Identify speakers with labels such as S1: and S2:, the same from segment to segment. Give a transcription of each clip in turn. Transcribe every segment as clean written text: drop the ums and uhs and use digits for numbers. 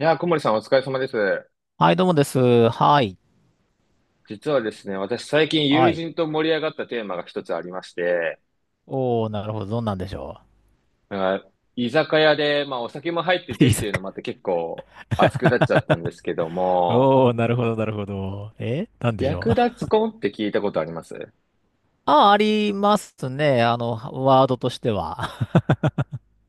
S1: いやー、小森さんお疲れ様です。
S2: はい、どうもです。はい。
S1: 実はですね、私最近
S2: は
S1: 友
S2: い。
S1: 人と盛り上がったテーマが一つありまして、
S2: おー、なるほど。どんなんでしょ
S1: なんか居酒屋で、まあお酒も入って
S2: う。
S1: て
S2: いい
S1: っ
S2: さ
S1: ていうの
S2: か。
S1: もあって結構熱くなっちゃったんですけども、
S2: おー、なるほど、なるほど。なんでしょ
S1: 略奪
S2: う。
S1: 婚って聞いたことあります？
S2: あ、ありますね。あの、ワードとしては。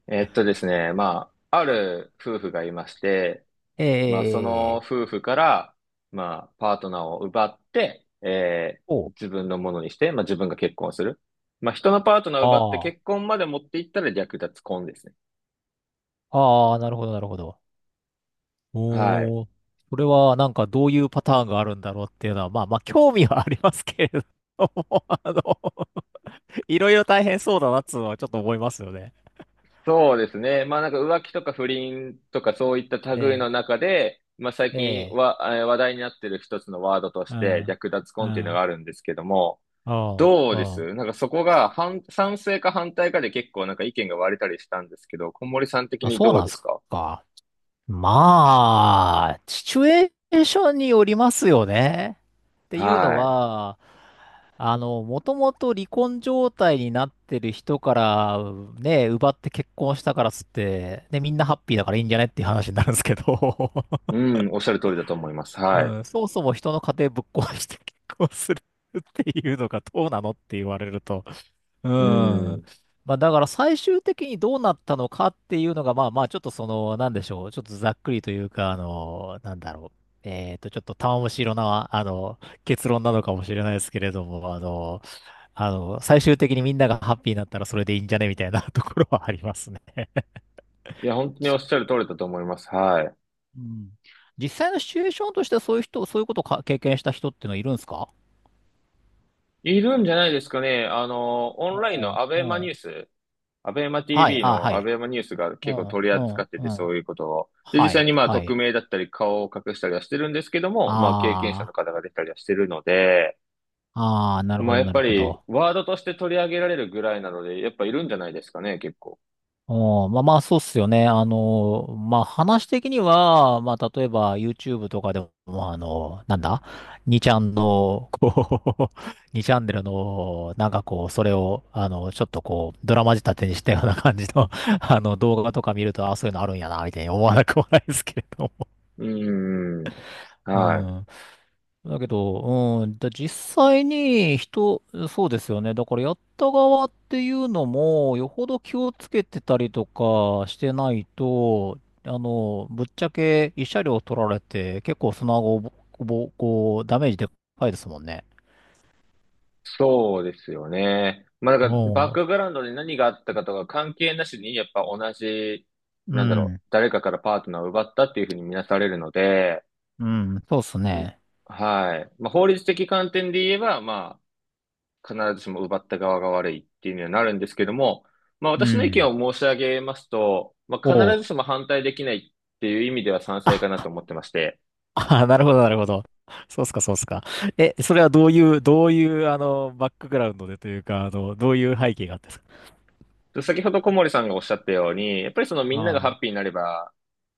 S1: ですね、まあ、ある夫婦がいまして、まあその
S2: えー。
S1: 夫婦から、まあパートナーを奪って、
S2: お
S1: 自分のものにして、まあ自分が結婚する。まあ人のパートナーを奪って
S2: あ
S1: 結
S2: あ
S1: 婚まで持っていったら略奪婚ですね。
S2: ー。あーなるほど、なるほど。
S1: はい。
S2: おー。それは、どういうパターンがあるんだろうっていうのは、まあまあ、興味はありますけれども、あの、いろいろ大変そうだなっつうのはちょっと思いますよね。
S1: そうですね。まあなんか浮気とか不倫とかそういった類の
S2: え
S1: 中で、まあ最
S2: ー、
S1: 近
S2: え
S1: は、話題になってる一つのワードとして略奪
S2: う
S1: 婚っていう
S2: ん、
S1: の
S2: う
S1: が
S2: ん、
S1: あるんですけども、
S2: うん、
S1: どう
S2: う
S1: で
S2: ん。
S1: す、なんかそこが賛成か反対かで結構なんか意見が割れたりしたんですけど、小森さん的
S2: あ、
S1: に
S2: そう
S1: どう
S2: なんで
S1: で
S2: す
S1: すか？
S2: か。まあ、シチュエーションによりますよね。っていうの
S1: は
S2: は、もともと離婚状態になってる人から、ね、奪って結婚したからっつって、ね、みんなハッピーだからいいんじゃねっていう話になるんですけど、
S1: い。うん、おっしゃる通りだと思います。
S2: う
S1: はい。
S2: ん、そもそも人の家庭ぶっ壊して結婚するっていうのがどうなのって言われると、う
S1: うん。
S2: ん。
S1: い
S2: まあ、だから最終的にどうなったのかっていうのが、まあまあ、ちょっとその、なんでしょう。ちょっとざっくりというか、ちょっと玉虫色な、結論なのかもしれないですけれども、最終的にみんながハッピーになったらそれでいいんじゃねみたいな ところはありますね。
S1: や、本当におっしゃる通りだと思います。はい。
S2: うん。実際のシチュエーションとしてはそういう人、そういうことを経験した人っていうのはいるんですか？
S1: いるんじゃないですかね。あの、オ
S2: う
S1: ンラインの
S2: ん。うん。
S1: アベマ
S2: はい、
S1: TV
S2: あ、は
S1: のア
S2: い。
S1: ベマニュースが
S2: う
S1: 結構
S2: ん、
S1: 取り
S2: う
S1: 扱っ
S2: ん、
S1: てて、
S2: う
S1: そ
S2: ん。
S1: ういうことを。で、実
S2: は
S1: 際
S2: い、
S1: にまあ、
S2: は
S1: 匿
S2: い。
S1: 名だったり、顔を隠したりはしてるんですけども、まあ、経験者
S2: あ
S1: の
S2: あ。
S1: 方が出たりはしてるので、
S2: ああ、なるほ
S1: まあ、
S2: ど、
S1: やっ
S2: な
S1: ぱ
S2: るほ
S1: り、
S2: ど。
S1: ワードとして取り上げられるぐらいなので、やっぱいるんじゃないですかね、結構。
S2: お、まあまあ、そうっすよね。まあ話的には、まあ例えば YouTube とかでも、まああの、なんだにちゃんの、こう、にチャンネルの、なんかこう、それを、ちょっとこう、ドラマ仕立てにしたような感じの、動画とか見ると、あ、そういうのあるんやな、みたいに思わなくもないですけれども。
S1: うーん。
S2: う
S1: はい。
S2: ん。だけど、実際に人、そうですよね。だからやった側っていうのも、よほど気をつけてたりとかしてないと、ぶっちゃけ一車両取られて、結構その後、こう、ダメージでかいですもんね。
S1: そうですよね。まあ、だから、バッ
S2: お
S1: クグ
S2: う。
S1: ラウンドで何があったかとか関係なしに、やっぱ同じ、
S2: う
S1: なんだろう、
S2: ん。
S1: 誰かからパートナーを奪ったっていうふうに見なされるので、
S2: うん。そうっす
S1: うん。
S2: ね。
S1: はい。まあ、法律的観点で言えば、まあ、必ずしも奪った側が悪いっていうにはなるんですけども、まあ、
S2: う
S1: 私の意見
S2: ん。
S1: を申し上げますと、まあ、
S2: お
S1: 必ず
S2: う。
S1: しも反対できないっていう意味では賛成かなと思ってまして、
S2: ああ、なるほど、なるほど。そうっすか、そうっすか。え、それはどういう、どういう、バックグラウンドでというか、あの、どういう背景があって？
S1: 先ほど小森さんがおっしゃったように、やっぱりそのみ
S2: あ
S1: んながハッ
S2: あ、
S1: ピーになれば、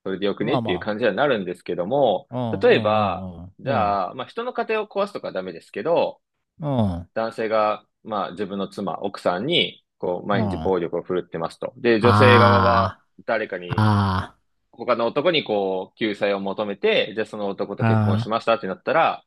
S1: それでよくね
S2: まあ
S1: って
S2: ま
S1: いう
S2: あ。
S1: 感じにはなるんですけども、
S2: うん、う
S1: 例えば、
S2: ん、
S1: じ
S2: うん、うん、
S1: ゃあ、まあ、人の家庭を壊すとかはダメですけど、
S2: うん、うん。
S1: 男性が、まあ、自分の妻、奥さんに、こう、
S2: う
S1: 毎日
S2: ん。
S1: 暴力を振るってますと。で、女性側は
S2: あ
S1: 誰か
S2: あ、
S1: に、
S2: あ
S1: 他の男にこう、救済を求めて、じゃあその男と
S2: あ、
S1: 結婚し
S2: あ
S1: ましたってなったら、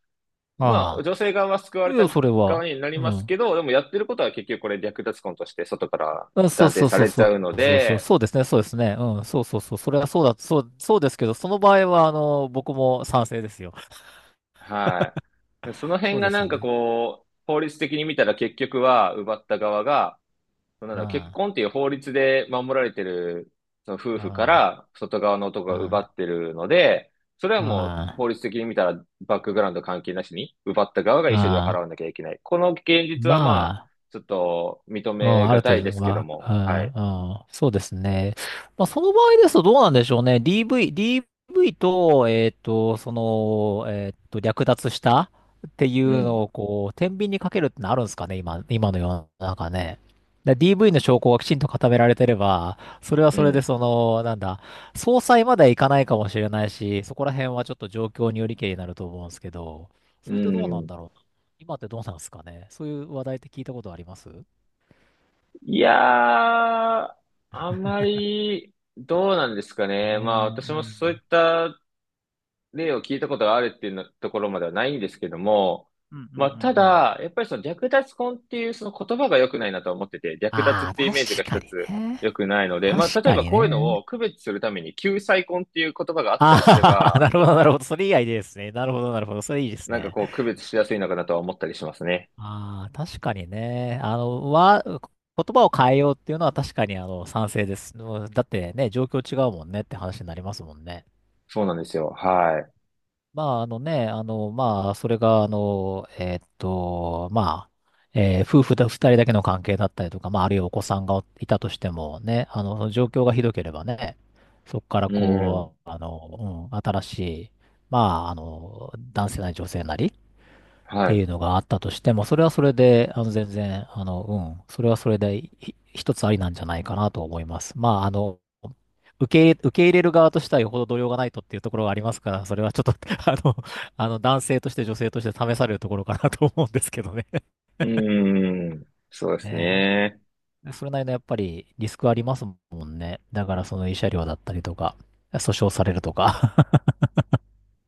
S2: あ、
S1: まあ、
S2: あ
S1: 女性側は救わ
S2: あ。い
S1: れた
S2: や、それ
S1: 側
S2: は。
S1: になり
S2: う
S1: ます
S2: ん。
S1: けど、でもやってることは結局これ略奪婚として外から
S2: あ、そう
S1: 断定
S2: そう
S1: さ
S2: そう
S1: れち
S2: そ
S1: ゃ
S2: う。
S1: うの
S2: そうそう、
S1: で、
S2: そうですね、そうですね。うん、そうそうそう。それはそうだ、そう、そうですけど、その場合は、僕も賛成ですよ。
S1: はい。その辺
S2: そう
S1: が
S2: です
S1: なん
S2: よ
S1: か
S2: ね。
S1: こう、法律的に見たら結局は奪った側がそなん
S2: あ
S1: だ結婚っていう法律で守られてる、その夫婦か
S2: あ、
S1: ら外側の男
S2: あ
S1: が
S2: あ、
S1: 奪
S2: あ
S1: ってるので、それはもう
S2: あ、あ
S1: 法律的に見たらバックグラウンド関係なしに、奪った側が
S2: あ、
S1: 慰謝料を
S2: あ
S1: 払
S2: あ。
S1: わなきゃいけない。この現実
S2: ま
S1: はまあ、
S2: あ。
S1: ちょっと認
S2: うん、
S1: め
S2: あ
S1: が
S2: る
S1: た
S2: 程
S1: いで
S2: 度
S1: すけど
S2: は、
S1: も、
S2: う
S1: はい。
S2: ん、うん、そうですね。まあ、その場合ですとどうなんでしょうね。DV、DV と、略奪したってい
S1: う
S2: うの
S1: ん、
S2: を、こう、天秤にかけるってのあるんですかね、今、今の世の中ね。で DV の証拠がきちんと固められてれば、それは
S1: う
S2: それで、
S1: ん、
S2: その、なんだ、総裁まではいかないかもしれないし、そこら辺はちょっと状況によりけりになると思うんですけど、
S1: う
S2: それってどうなん
S1: ん。
S2: だろう。今ってどうなんですかね。そういう話題って聞いたことあります？
S1: いやー、あまり、どうなんですか
S2: ね
S1: ね。まあ
S2: え、う
S1: 私もそういっ
S2: ん。
S1: た例を聞いたことがあるっていうのところまではないんですけども、
S2: うんうん
S1: まあ、た
S2: うんうん。
S1: だ、やっぱりその略奪婚っていうその言葉が良くないなと思ってて、略奪っ
S2: ああ、
S1: ていうイメージ
S2: 確
S1: が
S2: か
S1: 一
S2: に
S1: つ
S2: ね。
S1: 良くないので、まあ、
S2: 確
S1: 例え
S2: か
S1: ば
S2: に
S1: こういうの
S2: ね。
S1: を区別するために救済婚っていう言葉があったりすれ
S2: ああ、
S1: ば、
S2: なるほど、なるほど。それ以外でですね。なるほど、なるほど。それいいです
S1: なんか
S2: ね。
S1: こう区別しやすいのかなとは思ったりしますね。
S2: ああ、確かにね。言葉を変えようっていうのは確かに、賛成です。もうだってね、状況違うもんねって話になりますもんね。
S1: そうなんですよ。は
S2: まあ、あのね、あの、まあ、それが、あの、えーっと、まあ、えー夫婦だ、二人だけの関係だったりとか、まあ、あるいはお子さんがいたとしてもね、状況がひどければね、そこから
S1: い。うん。
S2: こう、新しい、ま男性なり女性なり、っ
S1: は
S2: てい
S1: い。
S2: うのがあったとしても、それはそれで、あの、全然、あの、うん、それはそれで、一つありなんじゃないかなと思います。まあ、あの、受け入れる側としてはよほど度量がないとっていうところがありますから、それはちょっと あの、男性として女性として試されるところかなと思うんですけどね。
S1: うん。そうです
S2: え
S1: ね。
S2: それなりのやっぱりリスクありますもんね。だからその慰謝料だったりとか、訴訟されるとか。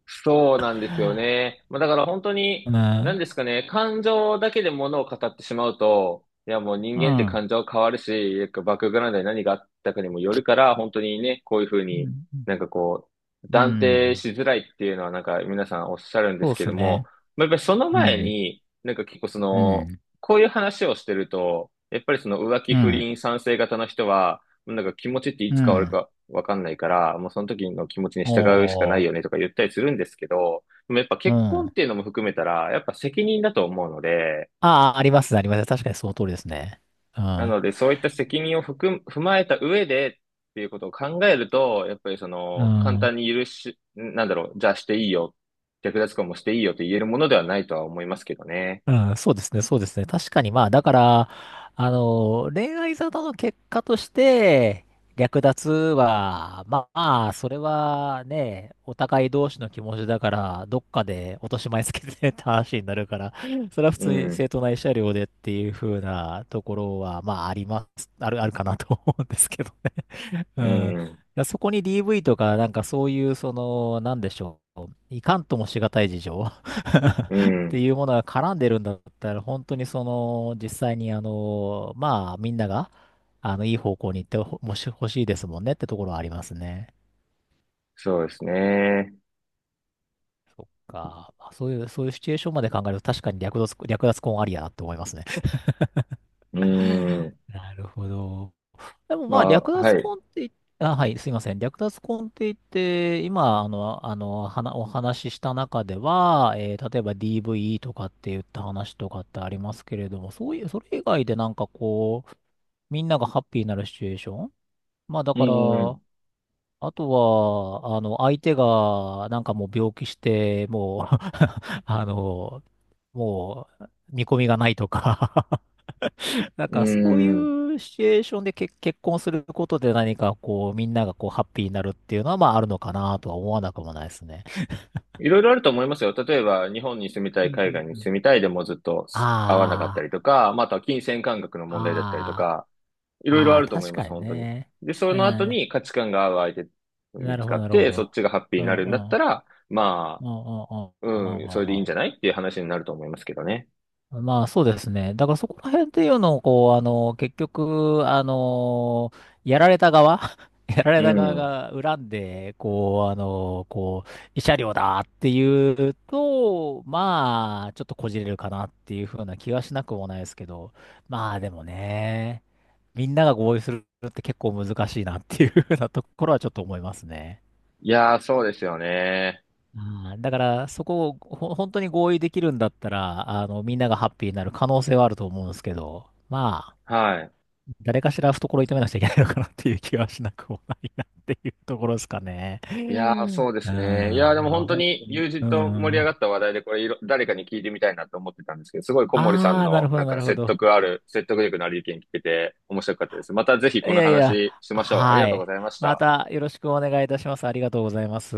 S1: そうなんですよね。まあ、だから本当
S2: う
S1: に、
S2: ん。
S1: 何ですかね、感情だけで物を語ってしまうと、いやもう人
S2: う
S1: 間って
S2: ん。
S1: 感情は変わるし、バックグラウンドに何があったかにもよるから、本当にね、こういうふう
S2: う
S1: に
S2: ん。
S1: なんかこう、
S2: う
S1: 断定
S2: ん。
S1: しづらいっていうのはなんか皆さんおっしゃるんで
S2: そ
S1: す
S2: うで
S1: け
S2: す
S1: ども、
S2: ね。
S1: まあ、やっぱりその
S2: う
S1: 前
S2: ん。
S1: に、なんか結構そ
S2: う
S1: の、
S2: ん。
S1: こういう話をしてると、やっぱりその浮気
S2: う
S1: 不
S2: ん。
S1: 倫賛成型の人は、なんか気持ちってい
S2: う
S1: つ変わる
S2: ん。
S1: かわかんないから、もうその時の気持ちに従うしかな
S2: お
S1: い
S2: ー。
S1: よねとか言ったりするんですけど、でもやっぱ
S2: う
S1: 結
S2: ん。
S1: 婚っ
S2: あ
S1: ていうのも含めたら、やっぱ責任だと思うので、
S2: あ、ありますね、ありますね。確かにその通りですね。う
S1: な
S2: ん。
S1: のでそういった責任を含む、踏まえた上でっていうことを考えると、やっぱりそ
S2: う
S1: の簡
S2: ん。
S1: 単に許し、なんだろう、じゃあしていいよ、略奪婚もしていいよと言えるものではないとは思いますけどね。
S2: うん。そうですね、そうですね。確かに、まあ、だから、恋愛沙汰の結果として、略奪は、まあ、それはね、お互い同士の気持ちだから、どっかで落とし前つけてねって話になるから、それは普
S1: う
S2: 通に
S1: ん、
S2: 正当な慰謝料でっていう風なところは、まあ、あります、ある、あるかなと思うんですけどね。う
S1: う
S2: ん。い
S1: ん、
S2: や、そこに DV とか、なんかそういう、その、なんでしょう。いかんともしがたい事情
S1: う
S2: って
S1: ん、
S2: いうものが絡んでるんだったら、本当にその、実際にあの、まあ、みんなが、いい方向に行ってほ、もし、欲しいですもんねってところはありますね。
S1: そうですね。
S2: そっか。まあ、そういう、そういうシチュエーションまで考えると、確かに略奪、略奪婚ありやなって思いますね。
S1: う ん、
S2: なるほど。でも
S1: ま
S2: まあ、
S1: あ、
S2: 略奪
S1: はい。
S2: 婚って言っ、あ、はい、すいません。略奪婚って言って、今、お話しした中では、例えば DV とかって言った話とかってありますけれども、そういう、それ以外でなんかこう、みんながハッピーになるシチュエーション。まあ、だ
S1: う
S2: から、
S1: ん、
S2: あとは、あの、相手が、なんかもう病気して、もう あの、もう、見込みがないとかなん
S1: う
S2: かそうい
S1: ん。
S2: うシチュエーションで結婚することで何かこうみんながこうハッピーになるっていうのはまああるのかなとは思わなくもないですね。
S1: いろいろあると思いますよ。例えば、日本に住みた
S2: う
S1: い、
S2: んう
S1: 海
S2: ん
S1: 外
S2: う
S1: に
S2: ん。
S1: 住みたいでもずっと合わなかった
S2: あ
S1: りとか、まああとは金銭感覚の問題だったりと
S2: あ、
S1: か、い
S2: あ
S1: ろい
S2: あ、
S1: ろ
S2: あ
S1: あ
S2: あ、
S1: ると思い
S2: 確
S1: ます、
S2: かに
S1: 本当に。
S2: ね。
S1: で、そ
S2: う
S1: の後
S2: ん。
S1: に価値観が合う相手
S2: な
S1: 見
S2: る
S1: つ
S2: ほ
S1: か
S2: ど、
S1: っ
S2: なるほ
S1: て、そっ
S2: ど。
S1: ちがハッピー
S2: うん
S1: になるんだっ
S2: う
S1: た
S2: ん。
S1: ら、ま
S2: うんうんうん
S1: あ、
S2: うん
S1: うん、それで
S2: う
S1: いい
S2: ん
S1: ん
S2: う
S1: じゃな
S2: ん。
S1: いっていう話になると思いますけどね。
S2: まあそうですね。だからそこら辺っていうのを、こう、あの、結局、やられた側 やられ
S1: う
S2: た側
S1: ん。
S2: が恨んで、慰謝料だっていうと、まあ、ちょっとこじれるかなっていうふうな気はしなくもないですけど、まあでもね、みんなが合意するって結構難しいなっていうふうなところはちょっと思いますね。
S1: いやー、そうですよね。
S2: あー、だから、そこを本当に合意できるんだったら、みんながハッピーになる可能性はあると思うんですけど、まあ、
S1: はい。
S2: 誰かしら懐を痛めなくちゃいけないのかなっていう気はしなくもないなっていうところですかね。う
S1: いやー、
S2: ん。
S1: そうですね。いやー、
S2: あ
S1: でも
S2: ー
S1: 本当
S2: 本当
S1: に
S2: に。
S1: 友
S2: う
S1: 人と盛り上が
S2: ん。
S1: った話題で、これいろ、誰かに聞いてみたいなと思ってたんですけど、すごい小森さん
S2: ああ、なる
S1: の、
S2: ほ
S1: な
S2: ど、
S1: ん
S2: な
S1: か
S2: るほど。
S1: 説得力のある意見聞けて面白かったです。またぜひ
S2: い
S1: この
S2: やいや、
S1: 話しましょう。ありが
S2: は
S1: とうご
S2: い。
S1: ざいまし
S2: ま
S1: た。
S2: たよろしくお願いいたします。ありがとうございます。